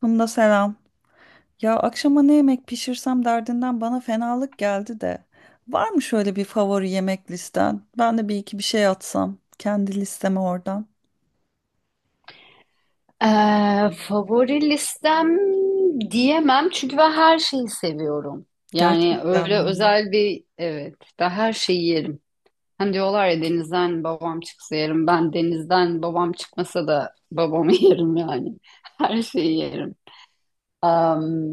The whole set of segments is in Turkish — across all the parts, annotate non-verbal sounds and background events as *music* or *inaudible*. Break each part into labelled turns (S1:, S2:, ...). S1: Funda selam. Ya akşama ne yemek pişirsem derdinden bana fenalık geldi de. Var mı şöyle bir favori yemek listen? Ben de bir iki bir şey atsam kendi listeme oradan.
S2: Ee, favori listem diyemem çünkü ben her şeyi seviyorum. Yani
S1: Gerçekten
S2: öyle
S1: mi?
S2: özel bir evet ben her şeyi yerim. Hani diyorlar ya denizden babam çıksa yerim. Ben denizden babam çıkmasa da babamı *laughs* yerim yani. Her şeyi yerim. Am,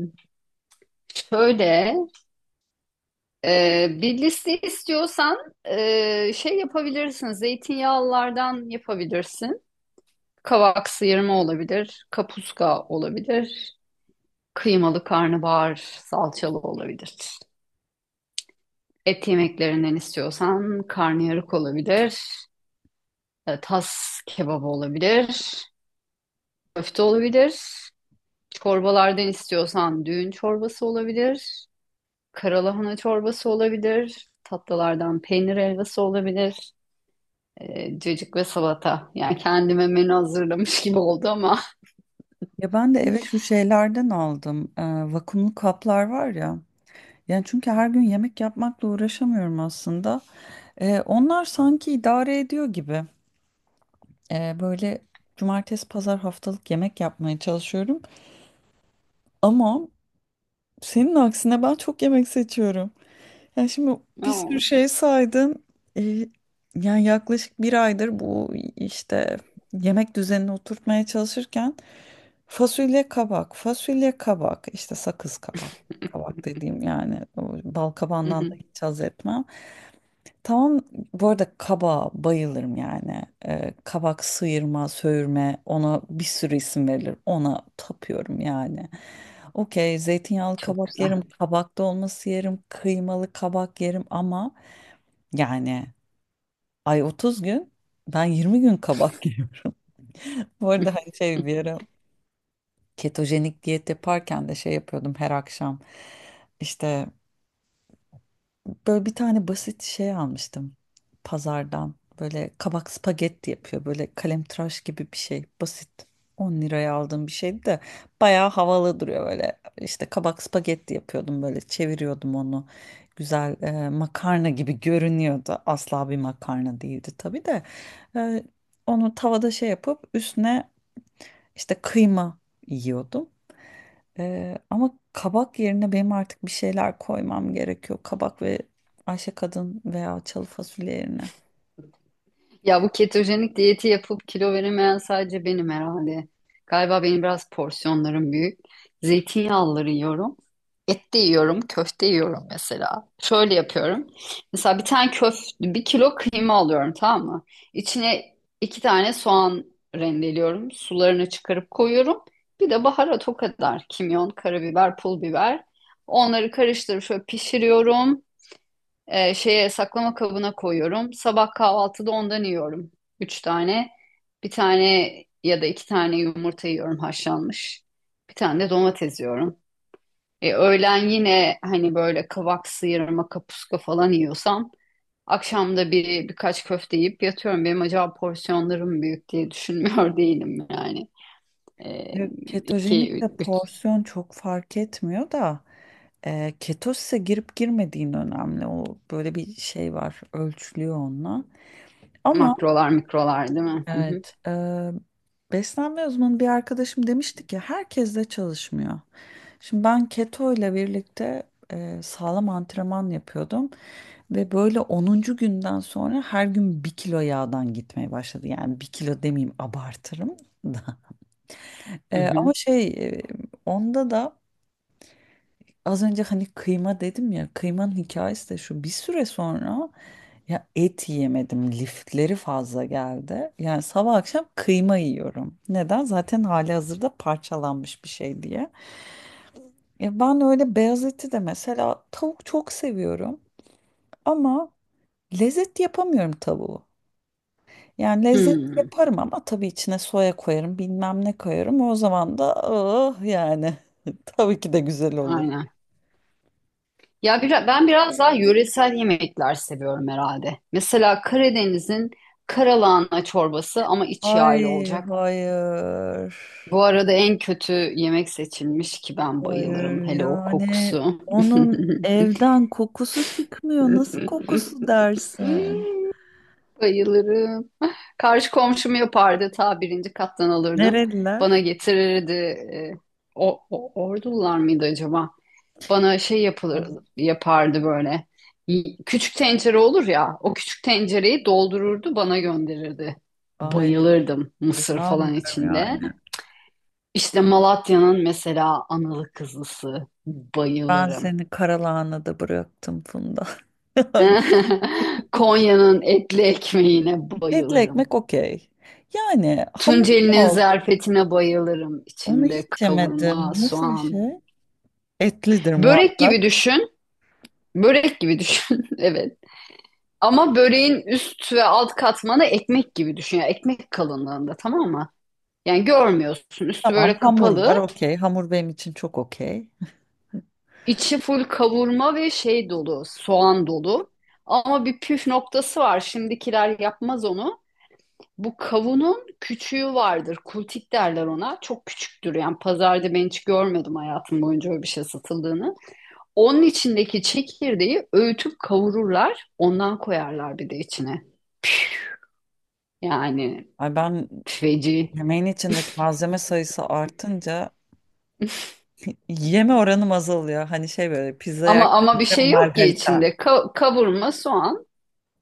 S2: şöyle bir liste istiyorsan şey yapabilirsin. Zeytinyağlılardan yapabilirsin. Kavak sıyırma olabilir. Kapuska olabilir. Kıymalı karnabahar salçalı olabilir. Et yemeklerinden istiyorsan karnıyarık olabilir. Tas kebabı olabilir. Köfte olabilir. Çorbalardan istiyorsan düğün çorbası olabilir. Karalahana çorbası olabilir. Tatlılardan peynir helvası olabilir. Cacık ve salata. Yani kendime menü hazırlamış gibi oldu ama.
S1: Ya ben de eve şu şeylerden aldım. Vakumlu kaplar var ya. Yani çünkü her gün yemek yapmakla uğraşamıyorum aslında. Onlar sanki idare ediyor gibi. Böyle cumartesi pazar haftalık yemek yapmaya çalışıyorum. Ama senin aksine ben çok yemek seçiyorum. Ya şimdi bir sürü
S2: *laughs*
S1: şey saydın. Ee, Yani yaklaşık bir aydır bu işte yemek düzenini oturtmaya çalışırken fasulye kabak, fasulye kabak, işte sakız kabak, kabak dediğim yani o bal
S2: Hı
S1: kabağından da
S2: hı.
S1: hiç haz etmem. Tamam, bu arada kaba bayılırım yani. Kabak sıyırma, söğürme, ona bir sürü isim verilir. Ona tapıyorum yani. Okey, zeytinyağlı
S2: Çok
S1: kabak
S2: güzel.
S1: yerim, kabak dolması yerim, kıymalı kabak yerim ama yani, ay 30 gün, ben 20 gün kabak *laughs* yiyorum. Bu arada hani şey, bir ara ketojenik diyet yaparken de şey yapıyordum her akşam. İşte böyle bir tane basit şey almıştım pazardan. Böyle kabak spagetti yapıyor. Böyle kalemtıraş gibi bir şey. Basit. 10 liraya aldığım bir şeydi de bayağı havalı duruyor böyle. İşte kabak spagetti yapıyordum, böyle çeviriyordum onu. Güzel, makarna gibi görünüyordu. Asla bir makarna değildi tabii de. E, Onu tavada şey yapıp üstüne işte kıyma yiyordum. Ama kabak yerine benim artık bir şeyler koymam gerekiyor. Kabak ve Ayşe Kadın veya çalı fasulye yerine.
S2: Ya bu ketojenik diyeti yapıp kilo veremeyen sadece benim herhalde. Galiba benim biraz porsiyonlarım büyük. Zeytinyağlıları yiyorum. Et de yiyorum, köfte yiyorum mesela. Şöyle yapıyorum. Mesela bir tane köfte, bir kilo kıyma alıyorum, tamam mı? İçine iki tane soğan rendeliyorum. Sularını çıkarıp koyuyorum. Bir de baharat, o kadar. Kimyon, karabiber, pul biber. Onları karıştırıp şöyle pişiriyorum. Şeye, saklama kabına koyuyorum. Sabah kahvaltıda ondan yiyorum. Üç tane. Bir tane ya da iki tane yumurta yiyorum, haşlanmış. Bir tane de domates yiyorum. Öğlen yine hani böyle kavak sıyırma, kapuska falan yiyorsam akşamda birkaç köfte yiyip yatıyorum. Benim acaba porsiyonlarım büyük diye düşünmüyor *laughs* değilim yani. E,
S1: Evet. Ketojenik
S2: iki,
S1: de
S2: üç
S1: porsiyon çok fark etmiyor da ketose girip girmediğin önemli. O böyle bir şey var, ölçülüyor onunla. Ama
S2: makrolar, mikrolar değil mi? Hı hı.
S1: evet. Beslenme uzmanı bir arkadaşım demişti ki herkes de çalışmıyor. Şimdi ben keto ile birlikte sağlam antrenman yapıyordum. Ve böyle 10'uncu günden sonra her gün bir kilo yağdan gitmeye başladı. Yani bir kilo demeyeyim, abartırım da. *laughs*
S2: Hı hı.
S1: Ama şey, onda da az önce hani kıyma dedim ya, kıymanın hikayesi de şu: bir süre sonra ya et yiyemedim, lifleri fazla geldi. Yani sabah akşam kıyma yiyorum. Neden? Zaten hali hazırda parçalanmış bir şey diye. Ya ben öyle beyaz eti de mesela, tavuk çok seviyorum ama lezzet yapamıyorum tavuğu. Yani lezzet
S2: Hmm,
S1: yaparım ama tabii içine soya koyarım, bilmem ne koyarım, o zaman da ah yani *laughs* tabii ki de güzel olur.
S2: aynen. Ya ben biraz daha yöresel yemekler seviyorum herhalde. Mesela Karadeniz'in karalahana çorbası, ama iç yağlı
S1: Ay
S2: olacak.
S1: hayır.
S2: Bu arada en kötü yemek seçilmiş ki ben bayılırım.
S1: Hayır
S2: Hele o
S1: yani,
S2: kokusu.
S1: onun evden kokusu çıkmıyor. Nasıl
S2: *laughs*
S1: kokusu dersin?
S2: Bayılırım. Karşı komşum yapardı. Ta birinci kattan alırdım. Bana
S1: Nereliler?
S2: getirirdi. E, ordular mıydı acaba? Bana şey yapılır
S1: Az-
S2: yapardı böyle. Küçük tencere olur ya, o küçük tencereyi doldururdu, bana gönderirdi.
S1: Ay
S2: Bayılırdım, mısır falan
S1: inanmıyorum
S2: içinde.
S1: yani.
S2: İşte Malatya'nın mesela analı kızlısı,
S1: Ben
S2: bayılırım.
S1: seni karalahanada bıraktım Funda. *laughs* Yani
S2: *laughs* Konya'nın etli ekmeğine
S1: etli
S2: bayılırım.
S1: ekmek okey. Yani hamur,
S2: Tunceli'nin
S1: oldu.
S2: zerfetine bayılırım.
S1: Onu
S2: İçinde
S1: hiç
S2: kavurma,
S1: yemedim. Nasıl bir şey?
S2: soğan.
S1: Etlidir
S2: Börek gibi
S1: muhakkak.
S2: düşün. Börek gibi düşün. *laughs* Evet. Ama böreğin üst ve alt katmanı ekmek gibi düşün. Yani ekmek kalınlığında, tamam mı? Yani görmüyorsun. Üstü
S1: Tamam,
S2: böyle
S1: hamur var,
S2: kapalı.
S1: okey. Hamur benim için çok okey.
S2: İçi full kavurma ve şey dolu. Soğan dolu. Ama bir püf noktası var. Şimdikiler yapmaz onu. Bu kavunun küçüğü vardır. Kultik derler ona. Çok küçüktür. Yani pazarda ben hiç görmedim hayatım boyunca öyle bir şey satıldığını. Onun içindeki çekirdeği öğütüp kavururlar. Ondan koyarlar bir de içine. Yani
S1: Ay ben
S2: feci.
S1: yemeğin içindeki malzeme sayısı artınca yeme oranım azalıyor. Hani şey, böyle pizza
S2: Ama bir
S1: yerken
S2: şey yok ki
S1: margarita.
S2: içinde. Kavurma, soğan,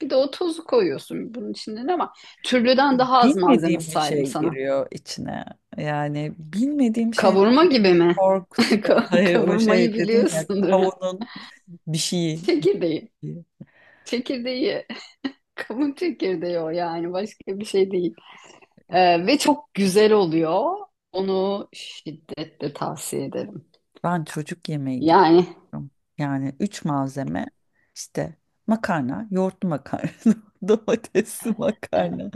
S2: bir de o tozu koyuyorsun bunun içinde, ama türlüden daha az malzeme
S1: Bilmediğim bir
S2: saydım
S1: şey
S2: sana.
S1: giriyor içine. Yani bilmediğim şey
S2: Kavurma gibi mi? *laughs*
S1: korkutuyor. *laughs* Hayır, o şey
S2: Kavurmayı
S1: dedin ya,
S2: biliyorsundur. *laughs* Ha.
S1: kavunun bir şeyi.
S2: Çekirdeği. Çekirdeği. *laughs* Kavun çekirdeği o, yani başka bir şey değil. Ve çok güzel oluyor. Onu şiddetle tavsiye ederim.
S1: Ben çocuk yemeği gibi
S2: Yani
S1: yapıyorum. Yani üç malzeme, işte makarna, yoğurtlu makarna, *laughs* domatesli
S2: e,
S1: makarna,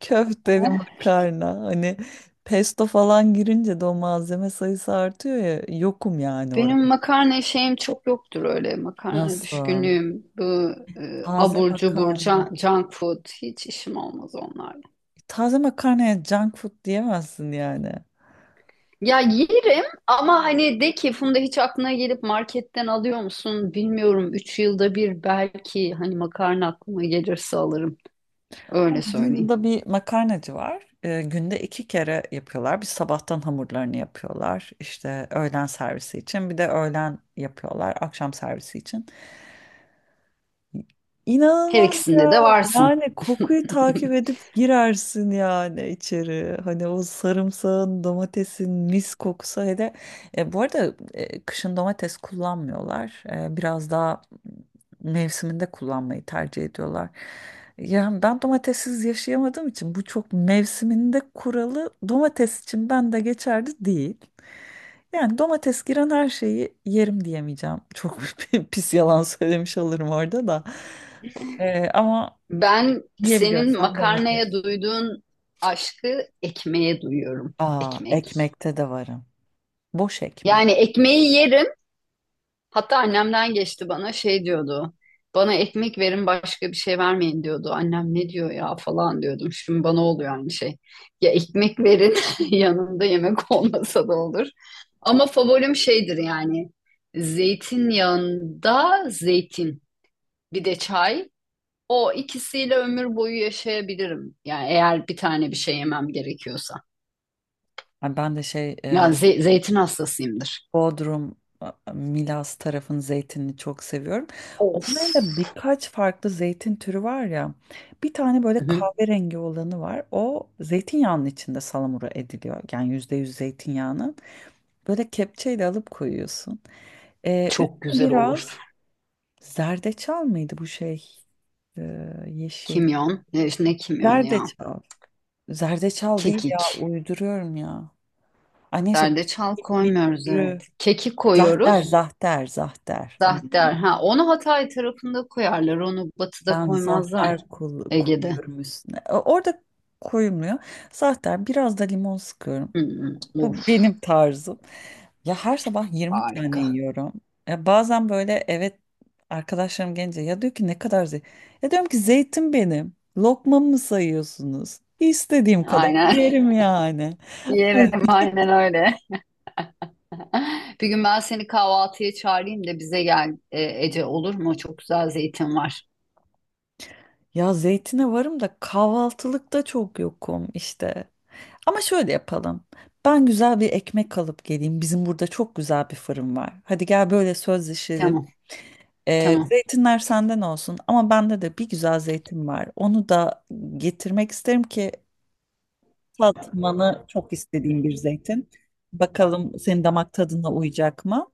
S1: köfteli makarna. Hani pesto falan girince de o malzeme sayısı artıyor ya. Yokum yani
S2: benim
S1: orada.
S2: makarna şeyim çok yoktur, öyle makarna
S1: Nasıl?
S2: düşkünlüğüm. Bu
S1: Taze
S2: abur cubur,
S1: makarna.
S2: junk food, hiç işim olmaz onlarla.
S1: Taze makarnaya junk food diyemezsin yani.
S2: Ya yerim, ama hani de ki Funda, hiç aklına gelip marketten alıyor musun bilmiyorum. Üç yılda bir belki, hani makarna aklıma gelirse alırım.
S1: Ama
S2: Öyle
S1: bizim
S2: söyleyeyim.
S1: burada bir makarnacı var. Günde iki kere yapıyorlar. Bir sabahtan hamurlarını yapıyorlar. İşte öğlen servisi için. Bir de öğlen yapıyorlar. Akşam servisi için.
S2: Her
S1: İnanılmaz
S2: ikisinde
S1: ya.
S2: de varsın.
S1: Yani kokuyu takip edip girersin yani içeri. Hani o sarımsağın, domatesin mis kokusu. Hele bu arada kışın domates kullanmıyorlar. Biraz daha mevsiminde kullanmayı tercih ediyorlar. Yani ben domatessiz yaşayamadığım için bu çok mevsiminde kuralı domates için ben de geçerli değil. Yani domates giren her şeyi yerim diyemeyeceğim. Çok *laughs* pis yalan söylemiş olurum orada da. Ama
S2: Ben senin
S1: yiyebiliyorsam domates.
S2: makarnaya duyduğun aşkı ekmeğe duyuyorum.
S1: Aa,
S2: Ekmek.
S1: ekmekte de varım. Boş ekmek.
S2: Yani ekmeği yerim. Hatta annemden geçti bana, şey diyordu. Bana ekmek verin, başka bir şey vermeyin diyordu. Annem ne diyor ya falan diyordum. Şimdi bana oluyor aynı şey. Ya ekmek verin, *laughs* yanında yemek olmasa da olur. Ama favorim şeydir yani. Zeytinyağında zeytin, bir de çay. O ikisiyle ömür boyu yaşayabilirim. Yani eğer bir tane bir şey yemem gerekiyorsa.
S1: Yani ben de şey,
S2: Ya zeytin hastasıyımdır.
S1: Bodrum, Milas tarafın zeytinini çok seviyorum.
S2: Of.
S1: Onların da birkaç farklı zeytin türü var ya. Bir tane
S2: Hı
S1: böyle
S2: hı.
S1: kahverengi olanı var. O zeytinyağının içinde salamura ediliyor. Yani %100 zeytinyağının. Böyle kepçeyle alıp koyuyorsun.
S2: Çok
S1: Üstüne
S2: güzel olur.
S1: biraz zerdeçal mıydı bu şey? Yeşil.
S2: Kimyon. Ne, işte ne kimyonu ya?
S1: Zerdeçal. Zerdeçal değil ya,
S2: Kekik.
S1: uyduruyorum ya. Ay neyse, bu
S2: Zerdeçal
S1: bir
S2: koymuyoruz,
S1: türü.
S2: evet. Kekik
S1: Zahter,
S2: koyuyoruz.
S1: zahter, zahter. Ama
S2: Zahter. Ha, onu Hatay tarafında koyarlar. Onu batıda
S1: ben
S2: koymazlar.
S1: zahter
S2: Ege'de.
S1: koyuyorum üstüne. Orada koyulmuyor. Zahter, biraz da limon sıkıyorum.
S2: Hı hı.
S1: Bu
S2: Of,
S1: benim tarzım. Ya her sabah 20 tane
S2: harika.
S1: yiyorum. Ya bazen böyle, evet, arkadaşlarım gelince ya diyor ki ne kadar zeytin. Ya diyorum ki zeytin benim. Lokmamı mı sayıyorsunuz? İstediğim kadar
S2: Aynen. *laughs*
S1: yerim yani.
S2: Yerim
S1: *laughs*
S2: aynen öyle. *laughs* Bir gün ben seni kahvaltıya çağırayım da bize gel, e, Ece, olur mu? Çok güzel zeytin var.
S1: Ya zeytine varım da kahvaltılıkta çok yokum işte. Ama şöyle yapalım. Ben güzel bir ekmek alıp geleyim. Bizim burada çok güzel bir fırın var. Hadi gel, böyle sözleşelim.
S2: Tamam tamam
S1: Zeytinler senden olsun ama bende de bir güzel zeytin var. Onu da getirmek isterim ki tatmanı çok istediğim bir zeytin. Bakalım senin damak tadına uyacak mı?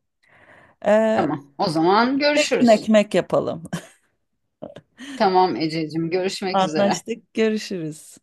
S1: Ee,
S2: tamam. O zaman
S1: Zeytin
S2: görüşürüz.
S1: ekmek yapalım.
S2: Tamam Ececiğim,
S1: *laughs*
S2: görüşmek üzere.
S1: Anlaştık, görüşürüz.